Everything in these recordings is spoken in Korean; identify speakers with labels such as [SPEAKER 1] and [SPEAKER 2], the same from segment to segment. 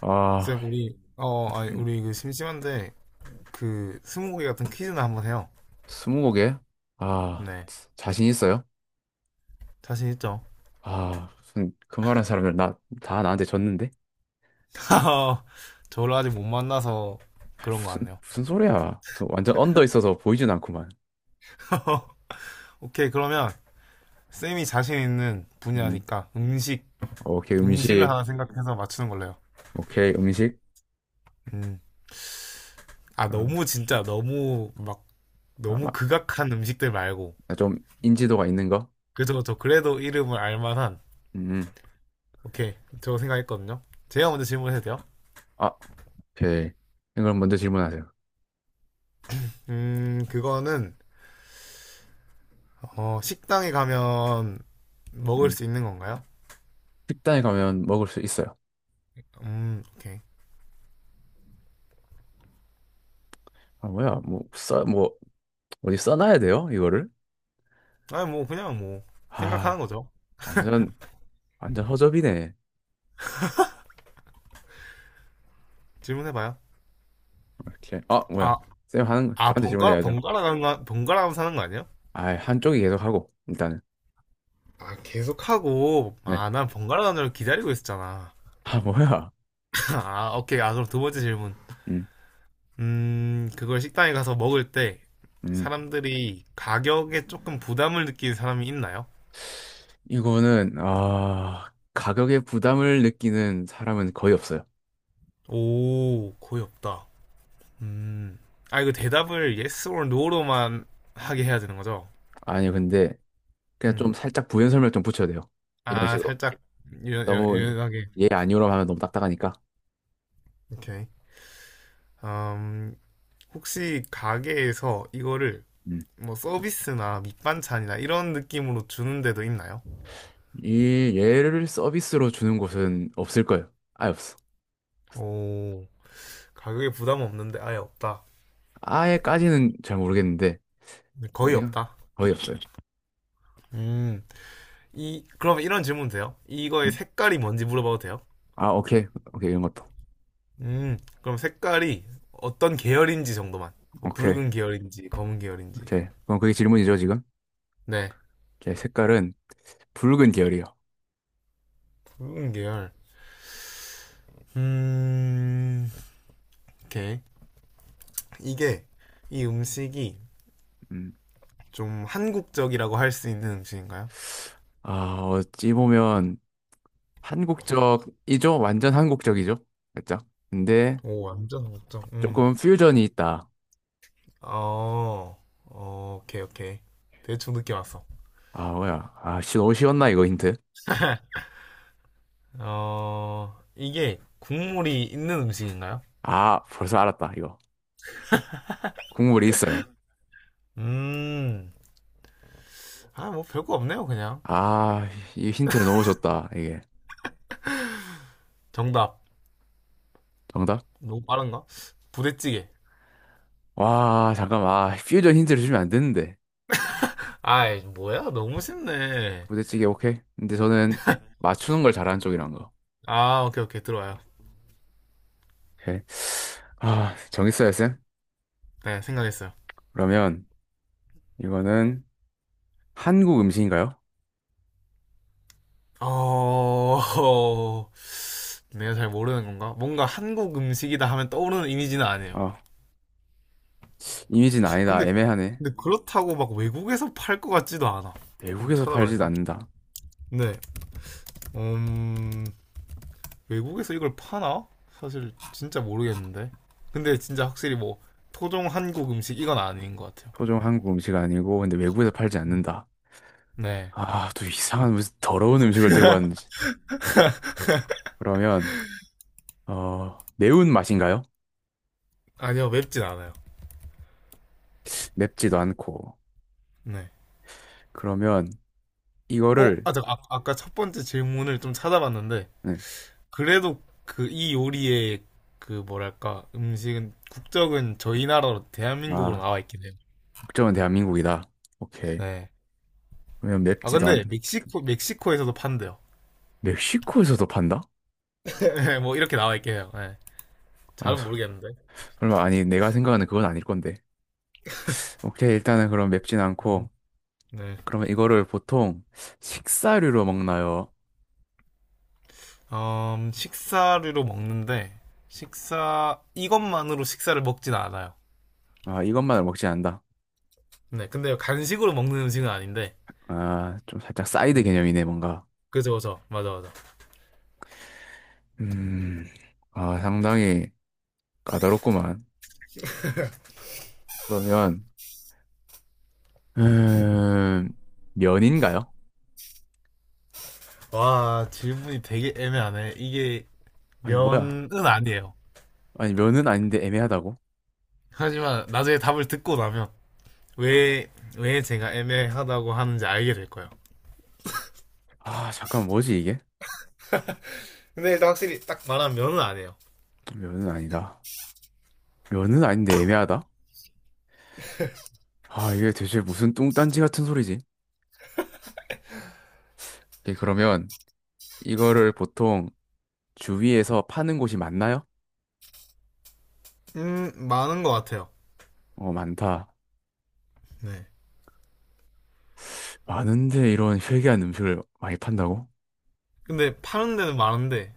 [SPEAKER 1] 아,
[SPEAKER 2] 쌤, 우리, 어, 아니,
[SPEAKER 1] 음,
[SPEAKER 2] 우리 그 심심한데, 그, 스무고개 같은 퀴즈나 한번 해요.
[SPEAKER 1] 스무고개? 아,
[SPEAKER 2] 네.
[SPEAKER 1] 자신 있어요?
[SPEAKER 2] 자신 있죠?
[SPEAKER 1] 아, 무슨 말한 사람들 나, 다 나한테 졌는데?
[SPEAKER 2] 저를 아직 못 만나서
[SPEAKER 1] 아이,
[SPEAKER 2] 그런 거 같네요.
[SPEAKER 1] 무슨 소리야. 무슨 완전 언더 있어서 보이진 않구만.
[SPEAKER 2] 오케이, 그러면, 쌤이 자신 있는
[SPEAKER 1] 음,
[SPEAKER 2] 분야니까, 음식,
[SPEAKER 1] 오케이,
[SPEAKER 2] 음식을
[SPEAKER 1] 음식.
[SPEAKER 2] 하나 생각해서 맞추는 걸로 해요.
[SPEAKER 1] 오케이, 음식.
[SPEAKER 2] 음. 아,
[SPEAKER 1] 어,
[SPEAKER 2] 너무 진짜, 너무, 막,
[SPEAKER 1] 아,
[SPEAKER 2] 너무 극악한 음식들 말고.
[SPEAKER 1] 아, 좀 인지도가 있는 거?
[SPEAKER 2] 그죠, 저 그래도 이름을 알 만한,
[SPEAKER 1] 음, 음.
[SPEAKER 2] 오케이, 저 생각했거든요. 제가 먼저 질문해도 돼요?
[SPEAKER 1] 아, 오케이. 이걸 먼저 질문하세요.
[SPEAKER 2] 그거는, 어, 식당에 가면 먹을
[SPEAKER 1] 음,
[SPEAKER 2] 수 있는 건가요?
[SPEAKER 1] 식당에 가면 먹을 수 있어요.
[SPEAKER 2] 오케이.
[SPEAKER 1] 아, 뭐야, 뭐, 어디 써놔야 돼요? 이거를?
[SPEAKER 2] 아니, 뭐, 그냥 뭐, 생각하는
[SPEAKER 1] 아,
[SPEAKER 2] 거죠.
[SPEAKER 1] 완전, 완전 허접이네.
[SPEAKER 2] 질문해봐요.
[SPEAKER 1] 이렇게 아
[SPEAKER 2] 아,
[SPEAKER 1] 뭐야. 쌤 하는 거
[SPEAKER 2] 아,
[SPEAKER 1] 저한테
[SPEAKER 2] 번갈아,
[SPEAKER 1] 질문해야죠.
[SPEAKER 2] 번갈아 가는 거, 번갈아 가면서 사는 거 아니에요?
[SPEAKER 1] 아 한쪽이 계속 하고 일단은.
[SPEAKER 2] 아, 계속하고,
[SPEAKER 1] 네.
[SPEAKER 2] 아, 난 번갈아 가는 걸 기다리고 있었잖아.
[SPEAKER 1] 아 뭐야.
[SPEAKER 2] 아, 오케이. 아, 그럼 두 번째 질문.
[SPEAKER 1] 음,
[SPEAKER 2] 그걸 식당에 가서 먹을 때,
[SPEAKER 1] 음.
[SPEAKER 2] 사람들이 가격에 조금 부담을 느끼는 사람이 있나요?
[SPEAKER 1] 이거는 아 가격에 부담을 느끼는 사람은 거의 없어요.
[SPEAKER 2] 오, 거의 없다. 음, 아, 이거 대답을 yes or no로만 하게 해야 되는 거죠?
[SPEAKER 1] 아니 근데 그냥 좀
[SPEAKER 2] 음.
[SPEAKER 1] 살짝 부연 설명 좀 붙여야 돼요. 이런
[SPEAKER 2] 아,
[SPEAKER 1] 식으로
[SPEAKER 2] 살짝
[SPEAKER 1] 너무
[SPEAKER 2] 유연하게.
[SPEAKER 1] 예 아니오라고 하면 너무 딱딱하니까.
[SPEAKER 2] 오케이. 음, 혹시 가게에서 이거를
[SPEAKER 1] 음.
[SPEAKER 2] 뭐 서비스나 밑반찬이나 이런 느낌으로 주는 데도 있나요?
[SPEAKER 1] 이 얘를 서비스로 주는 곳은 없을 거예요. 아예 없어.
[SPEAKER 2] 오, 가격에 부담 없는데 아예 없다.
[SPEAKER 1] 아예까지는 잘 모르겠는데.
[SPEAKER 2] 네, 거의
[SPEAKER 1] 어디가
[SPEAKER 2] 없다.
[SPEAKER 1] 거의 없어요.
[SPEAKER 2] 음, 이, 그럼 이런 질문 돼요? 이거의
[SPEAKER 1] 음?
[SPEAKER 2] 색깔이 뭔지 물어봐도 돼요?
[SPEAKER 1] 아 오케이. 오케이 이런 것도.
[SPEAKER 2] 그럼 색깔이 어떤 계열인지 정도만. 뭐
[SPEAKER 1] 오케이.
[SPEAKER 2] 붉은 계열인지, 검은 계열인지.
[SPEAKER 1] 오케이. 그럼 그게 질문이죠, 지금?
[SPEAKER 2] 네,
[SPEAKER 1] 오케이. 색깔은 붉은 계열이요.
[SPEAKER 2] 붉은 계열. 음, 오케이. 이게 이 음식이
[SPEAKER 1] 음.
[SPEAKER 2] 좀 한국적이라고 할 수 있는 음식인가요?
[SPEAKER 1] 아, 어찌 보면 한국적이죠? 완전 한국적이죠? 살짝. 근데
[SPEAKER 2] 오, 완전 한국적. 음.
[SPEAKER 1] 조금 퓨전이 있다.
[SPEAKER 2] 어, 어, 오케이, 오케이. 대충 느낌 왔어.
[SPEAKER 1] 아, 뭐야. 아, 씨, 너무 쉬웠나, 이거 힌트?
[SPEAKER 2] 어, 이게 국물이 있는 음식인가요?
[SPEAKER 1] 아, 벌써 알았다, 이거. 국물이 있어요.
[SPEAKER 2] 음, 아, 뭐 별거 없네요, 그냥.
[SPEAKER 1] 아, 이 힌트를 너무 줬다, 이게.
[SPEAKER 2] 정답.
[SPEAKER 1] 정답?
[SPEAKER 2] 너무 빠른가? 부대찌개.
[SPEAKER 1] 와, 잠깐만. 아, 퓨전 힌트를 주면 안 되는데.
[SPEAKER 2] 아이, 뭐야? 너무 쉽네.
[SPEAKER 1] 부대찌개, 오케이. 근데 저는 맞추는 걸 잘하는 쪽이란 거.
[SPEAKER 2] 아, 오케이, 오케이. 들어와요.
[SPEAKER 1] 오케이. 아, 정했어요, 쌤?
[SPEAKER 2] 네, 생각했어요.
[SPEAKER 1] 그러면. 이거는 한국 음식인가요?
[SPEAKER 2] 어, 내가 잘 모르는 건가? 뭔가 한국 음식이다 하면 떠오르는 이미지는 아니에요.
[SPEAKER 1] 아, 이미지는 아니다.
[SPEAKER 2] 근데
[SPEAKER 1] 애매하네.
[SPEAKER 2] 그렇다고 막 외국에서 팔 것 같지도 않아. 한번
[SPEAKER 1] 외국에서
[SPEAKER 2] 찾아봐야
[SPEAKER 1] 팔지도
[SPEAKER 2] 되나?
[SPEAKER 1] 않는다.
[SPEAKER 2] 네. 음, 외국에서 이걸 파나? 사실 진짜 모르겠는데. 근데 진짜 확실히 뭐 토종 한국 음식 이건 아닌 것 같아요.
[SPEAKER 1] 토종 한국 음식 아니고, 근데 외국에서 팔지 않는다.
[SPEAKER 2] 네.
[SPEAKER 1] 아, 또 이상한 무슨 더러운 음식을 들고 왔는지. 그러면, 어, 매운 맛인가요?
[SPEAKER 2] 아니요, 맵진 않아요.
[SPEAKER 1] 맵지도 않고.
[SPEAKER 2] 네.
[SPEAKER 1] 그러면,
[SPEAKER 2] 어,
[SPEAKER 1] 이거를,
[SPEAKER 2] 아, 잠깐, 아, 아까 첫 번째 질문을 좀 찾아봤는데,
[SPEAKER 1] 네.
[SPEAKER 2] 그래도 그 이 요리의 그 뭐랄까, 음식은, 국적은 저희 나라로 대한민국으로
[SPEAKER 1] 아,
[SPEAKER 2] 나와 있긴 해요.
[SPEAKER 1] 국적은 대한민국이다. 오케이.
[SPEAKER 2] 네.
[SPEAKER 1] 그러면
[SPEAKER 2] 아,
[SPEAKER 1] 맵지도 않,
[SPEAKER 2] 근데 멕시코에서도 판대요.
[SPEAKER 1] 멕시코에서도 판다?
[SPEAKER 2] 네, 뭐 이렇게 나와 있긴 해요. 네.
[SPEAKER 1] 아,
[SPEAKER 2] 잘은 모르겠는데.
[SPEAKER 1] 설마, 아니, 내가 생각하는 그건 아닐 건데. 오케이, 일단은 그럼 맵진 않고,
[SPEAKER 2] 네.
[SPEAKER 1] 그러면 이거를 보통 식사류로 먹나요?
[SPEAKER 2] 식사류로 먹는데 식사 이것만으로 식사를 먹진 않아요.
[SPEAKER 1] 아, 이것만을 먹지 않는다.
[SPEAKER 2] 네. 근데 간식으로 먹는 음식은 아닌데.
[SPEAKER 1] 아, 좀 살짝 사이드
[SPEAKER 2] 네.
[SPEAKER 1] 개념이네, 뭔가.
[SPEAKER 2] 그죠, 그죠. 맞아, 맞아.
[SPEAKER 1] 음, 아, 상당히 까다롭구만. 그러면, 음, 면인가요?
[SPEAKER 2] 와, 질문이 되게 애매하네. 이게
[SPEAKER 1] 아니, 뭐야.
[SPEAKER 2] 면은 아니에요.
[SPEAKER 1] 아니, 면은 아닌데 애매하다고?
[SPEAKER 2] 하지만 나중에 답을 듣고 나면 왜, 왜 제가 애매하다고 하는지 알게 될 거예요.
[SPEAKER 1] 아, 잠깐, 뭐지, 이게?
[SPEAKER 2] 근데 일단 확실히 딱 말하면 면은 아니에요.
[SPEAKER 1] 면은 아니다. 면은 아닌데 애매하다? 아, 이게 대체 무슨 뚱딴지 같은 소리지? 오케이, 그러면 이거를 보통 주위에서 파는 곳이 많나요?
[SPEAKER 2] 많은 것 같아요.
[SPEAKER 1] 어, 많다.
[SPEAKER 2] 네.
[SPEAKER 1] 많은데 이런 회개한 음식을 많이 판다고?
[SPEAKER 2] 근데 파는 데는 많은데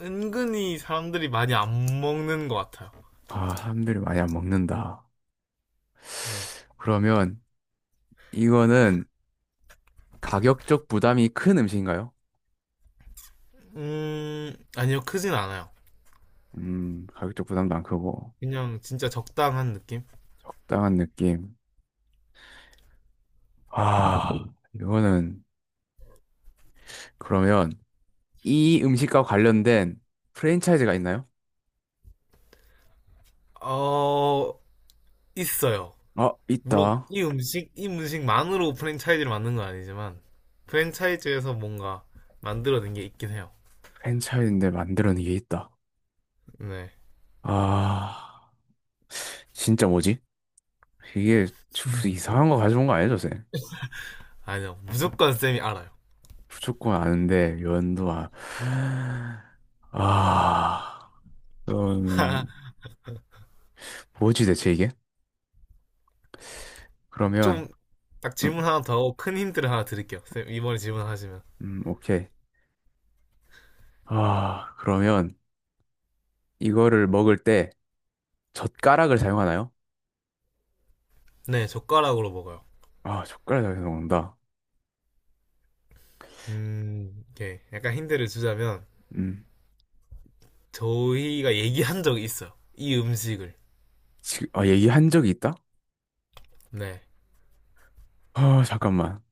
[SPEAKER 2] 은근히 사람들이 많이 안 먹는 것 같아요.
[SPEAKER 1] 아, 사람들이 많이 안 먹는다.
[SPEAKER 2] 네.
[SPEAKER 1] 그러면 이거는 가격적 부담이 큰 음식인가요?
[SPEAKER 2] 아니요, 크진 않아요.
[SPEAKER 1] 가격적 부담도 안 크고
[SPEAKER 2] 그냥 진짜 적당한 느낌?
[SPEAKER 1] 적당한 느낌. 아, 이거는 그러면 이 음식과 관련된 프랜차이즈가 있나요?
[SPEAKER 2] 어, 있어요.
[SPEAKER 1] 아,
[SPEAKER 2] 물론
[SPEAKER 1] 있다.
[SPEAKER 2] 이 음식, 이 음식만으로 프랜차이즈를 만든 건 아니지만, 프랜차이즈에서 뭔가 만들어낸 게 있긴 해요.
[SPEAKER 1] 프랜차이즈인데 만드는 게 있다.
[SPEAKER 2] 네.
[SPEAKER 1] 아, 진짜 뭐지? 이게
[SPEAKER 2] 음.
[SPEAKER 1] 이상한 거 가져온 거 아니죠, 쌤?
[SPEAKER 2] 아니요, 무조건 쌤이 알아요.
[SPEAKER 1] 무조건 아는데 연도아. 아 그럼 뭐지 대체 이게? 그러면
[SPEAKER 2] 좀 딱
[SPEAKER 1] 음,
[SPEAKER 2] 질문 하나 더 하고 큰 힌트를 하나 드릴게요. 쌤, 이번에 질문하시면.
[SPEAKER 1] 오케이. 아 그러면 이거를 먹을 때 젓가락을 사용하나요?
[SPEAKER 2] 네, 젓가락으로 먹어요.
[SPEAKER 1] 아 젓가락을 사용한다.
[SPEAKER 2] 이렇게 약간 힌트를 주자면,
[SPEAKER 1] 음
[SPEAKER 2] 저희가 얘기한 적이 있어요. 이 음식을.
[SPEAKER 1] 지금 아 얘기한 적이 있다?
[SPEAKER 2] 네.
[SPEAKER 1] 아 잠깐만.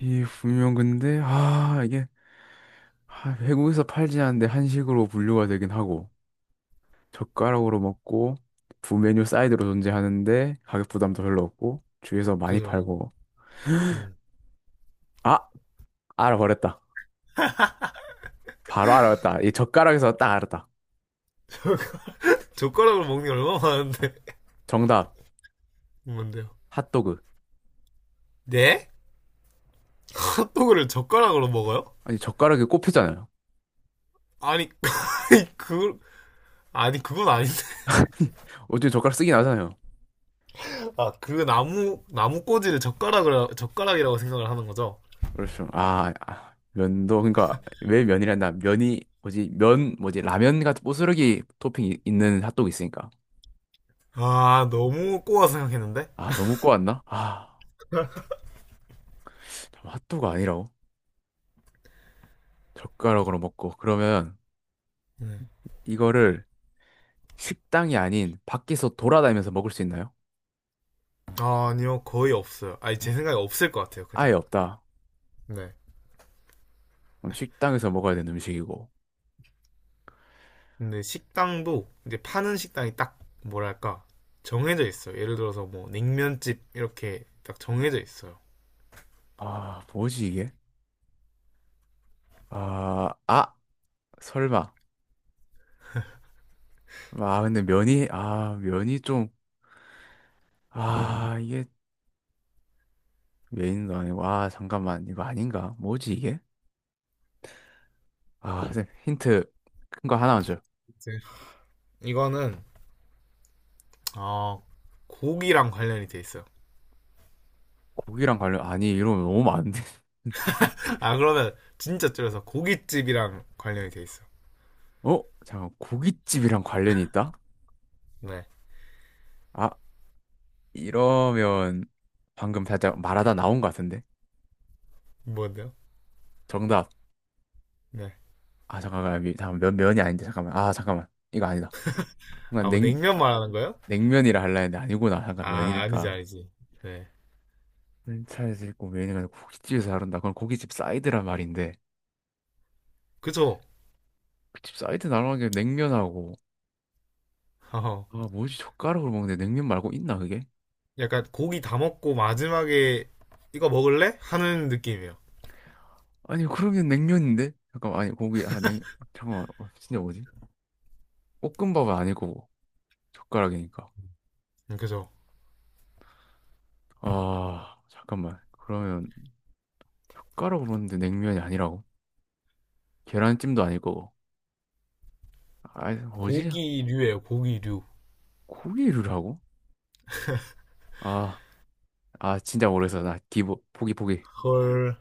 [SPEAKER 1] 이 분명 근데 아 이게 아, 외국에서 팔지 않는데 한식으로 분류가 되긴 하고 젓가락으로 먹고 부 메뉴 사이드로 존재하는데 가격 부담도 별로 없고 주위에서
[SPEAKER 2] 그
[SPEAKER 1] 많이
[SPEAKER 2] 죠
[SPEAKER 1] 팔고.
[SPEAKER 2] 음.
[SPEAKER 1] 아 알아버렸다. 바로 알아버렸다. 이 젓가락에서 딱 알았다.
[SPEAKER 2] 젓가락으로 먹는 게 얼마나 많은데.
[SPEAKER 1] 정답.
[SPEAKER 2] 뭔데요?
[SPEAKER 1] 핫도그.
[SPEAKER 2] 네? 핫도그를 젓가락으로 먹어요?
[SPEAKER 1] 아니 젓가락이 꼽혔잖아요.
[SPEAKER 2] 아니, 그, 아니, 그건 아닌데.
[SPEAKER 1] 어차피 젓가락 쓰긴 하잖아요.
[SPEAKER 2] 아, 그 나무 꼬지를 젓가락이라고 생각을 하는 거죠?
[SPEAKER 1] 그렇죠. 면도. 그러니까 왜 면이란다. 면이 뭐지. 라면 같은 부스러기 토핑 있는 핫도그 있으니까.
[SPEAKER 2] 아, 너무 꼬아 생각했는데?
[SPEAKER 1] 아 너무 꼬았나. 아 참, 핫도그 아니라고. 젓가락으로 먹고 그러면
[SPEAKER 2] 네.
[SPEAKER 1] 이거를 식당이 아닌 밖에서 돌아다니면서 먹을 수 있나요?
[SPEAKER 2] 아, 아니요. 거의 없어요. 아니, 제 생각에 없을 것 같아요, 그냥.
[SPEAKER 1] 아예 없다.
[SPEAKER 2] 네.
[SPEAKER 1] 그럼 식당에서 먹어야 되는 음식이고.
[SPEAKER 2] 근데 식당도 이제 파는 식당이 딱 뭐랄까 정해져 있어요. 예를 들어서 뭐 냉면집 이렇게 딱 정해져 있어요.
[SPEAKER 1] 아, 뭐지 이게? 아, 아, 설마. 면이 좀, 아, 이게 메인도 아니고, 아, 잠깐만, 이거 아닌가? 뭐지 이게? 아, 선생님, 힌트 큰 거 하나만 줘요.
[SPEAKER 2] 이제 이거는 어, 고기랑 관련이 돼 있어요.
[SPEAKER 1] 고기랑 관련, 아니, 이러면 너무 많은데.
[SPEAKER 2] 아 그러면 진짜 줄여서 고깃집이랑 관련이 돼 있어.
[SPEAKER 1] 어? 잠깐, 고깃집이랑 관련이 있다?
[SPEAKER 2] 네.
[SPEAKER 1] 아, 이러면 방금 살짝 말하다 나온 것 같은데?
[SPEAKER 2] 뭔데요?
[SPEAKER 1] 정답.
[SPEAKER 2] 네.
[SPEAKER 1] 아 잠깐만 여기 잠깐 면 면이 아닌데 잠깐만 아 잠깐만. 이거 아니다. 뭔가
[SPEAKER 2] 아 뭐
[SPEAKER 1] 냉
[SPEAKER 2] 냉면 말하는 거예요?
[SPEAKER 1] 냉면이라 할라 했는데 아니구나. 잠깐
[SPEAKER 2] 아
[SPEAKER 1] 면이니까
[SPEAKER 2] 아니지. 네.
[SPEAKER 1] 차에서 있고 면이니까 고깃집에서 나른다. 그건 고깃집 사이드란 말인데
[SPEAKER 2] 그쵸?
[SPEAKER 1] 고깃집 사이드 나르는 게 냉면하고.
[SPEAKER 2] 어,
[SPEAKER 1] 아 뭐지 젓가락으로 먹는데 냉면 말고 있나 그게.
[SPEAKER 2] 약간 고기 다 먹고 마지막에 이거 먹을래? 하는 느낌이에요.
[SPEAKER 1] 아니 그러면 냉면인데 잠깐만 아니 고기 아 냉 잠깐만. 어, 진짜 뭐지. 볶음밥은 아니고 젓가락이니까.
[SPEAKER 2] 그죠?
[SPEAKER 1] 아 잠깐만 그러면 젓가락으로 먹는데 냉면이 아니라고. 계란찜도 아닐 거고 아 뭐지.
[SPEAKER 2] 고기류예요 고기류.
[SPEAKER 1] 고기류라고. 아, 아, 진짜 모르겠어. 나 기보, 포기, 포기.
[SPEAKER 2] 헐.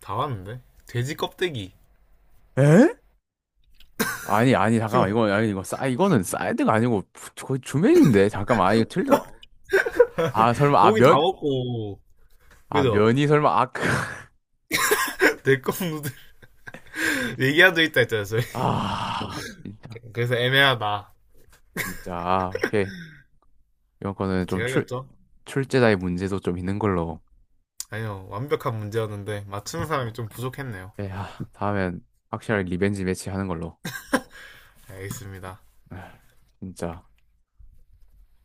[SPEAKER 2] 다 왔는데? 돼지 껍데기.
[SPEAKER 1] 에? 아니, 아니, 잠깐만. 이건, 아니, 이거는 사이드가 아니고, 거의 주메뉴인데. 잠깐만. 아, 이거 틀렸. 아, 설마, 아,
[SPEAKER 2] 고기 다
[SPEAKER 1] 면?
[SPEAKER 2] 먹고.
[SPEAKER 1] 아,
[SPEAKER 2] 그죠?
[SPEAKER 1] 면이 설마, 아, 크.
[SPEAKER 2] 내껌 누들 얘기하도 있다 했잖아요, 저희.
[SPEAKER 1] 아, 진짜.
[SPEAKER 2] 그래서 애매하다.
[SPEAKER 1] 진짜. 아, 오케이. 이번 거는 좀
[SPEAKER 2] 제가
[SPEAKER 1] 출,
[SPEAKER 2] 이겼죠?
[SPEAKER 1] 출제자의 문제도 좀 있는 걸로.
[SPEAKER 2] 아니요, 완벽한 문제였는데, 맞추는 사람이 좀 부족했네요.
[SPEAKER 1] 예, 아, 다음엔 확실하게 리벤지 매치 하는 걸로.
[SPEAKER 2] 알겠습니다.
[SPEAKER 1] 아, 진짜.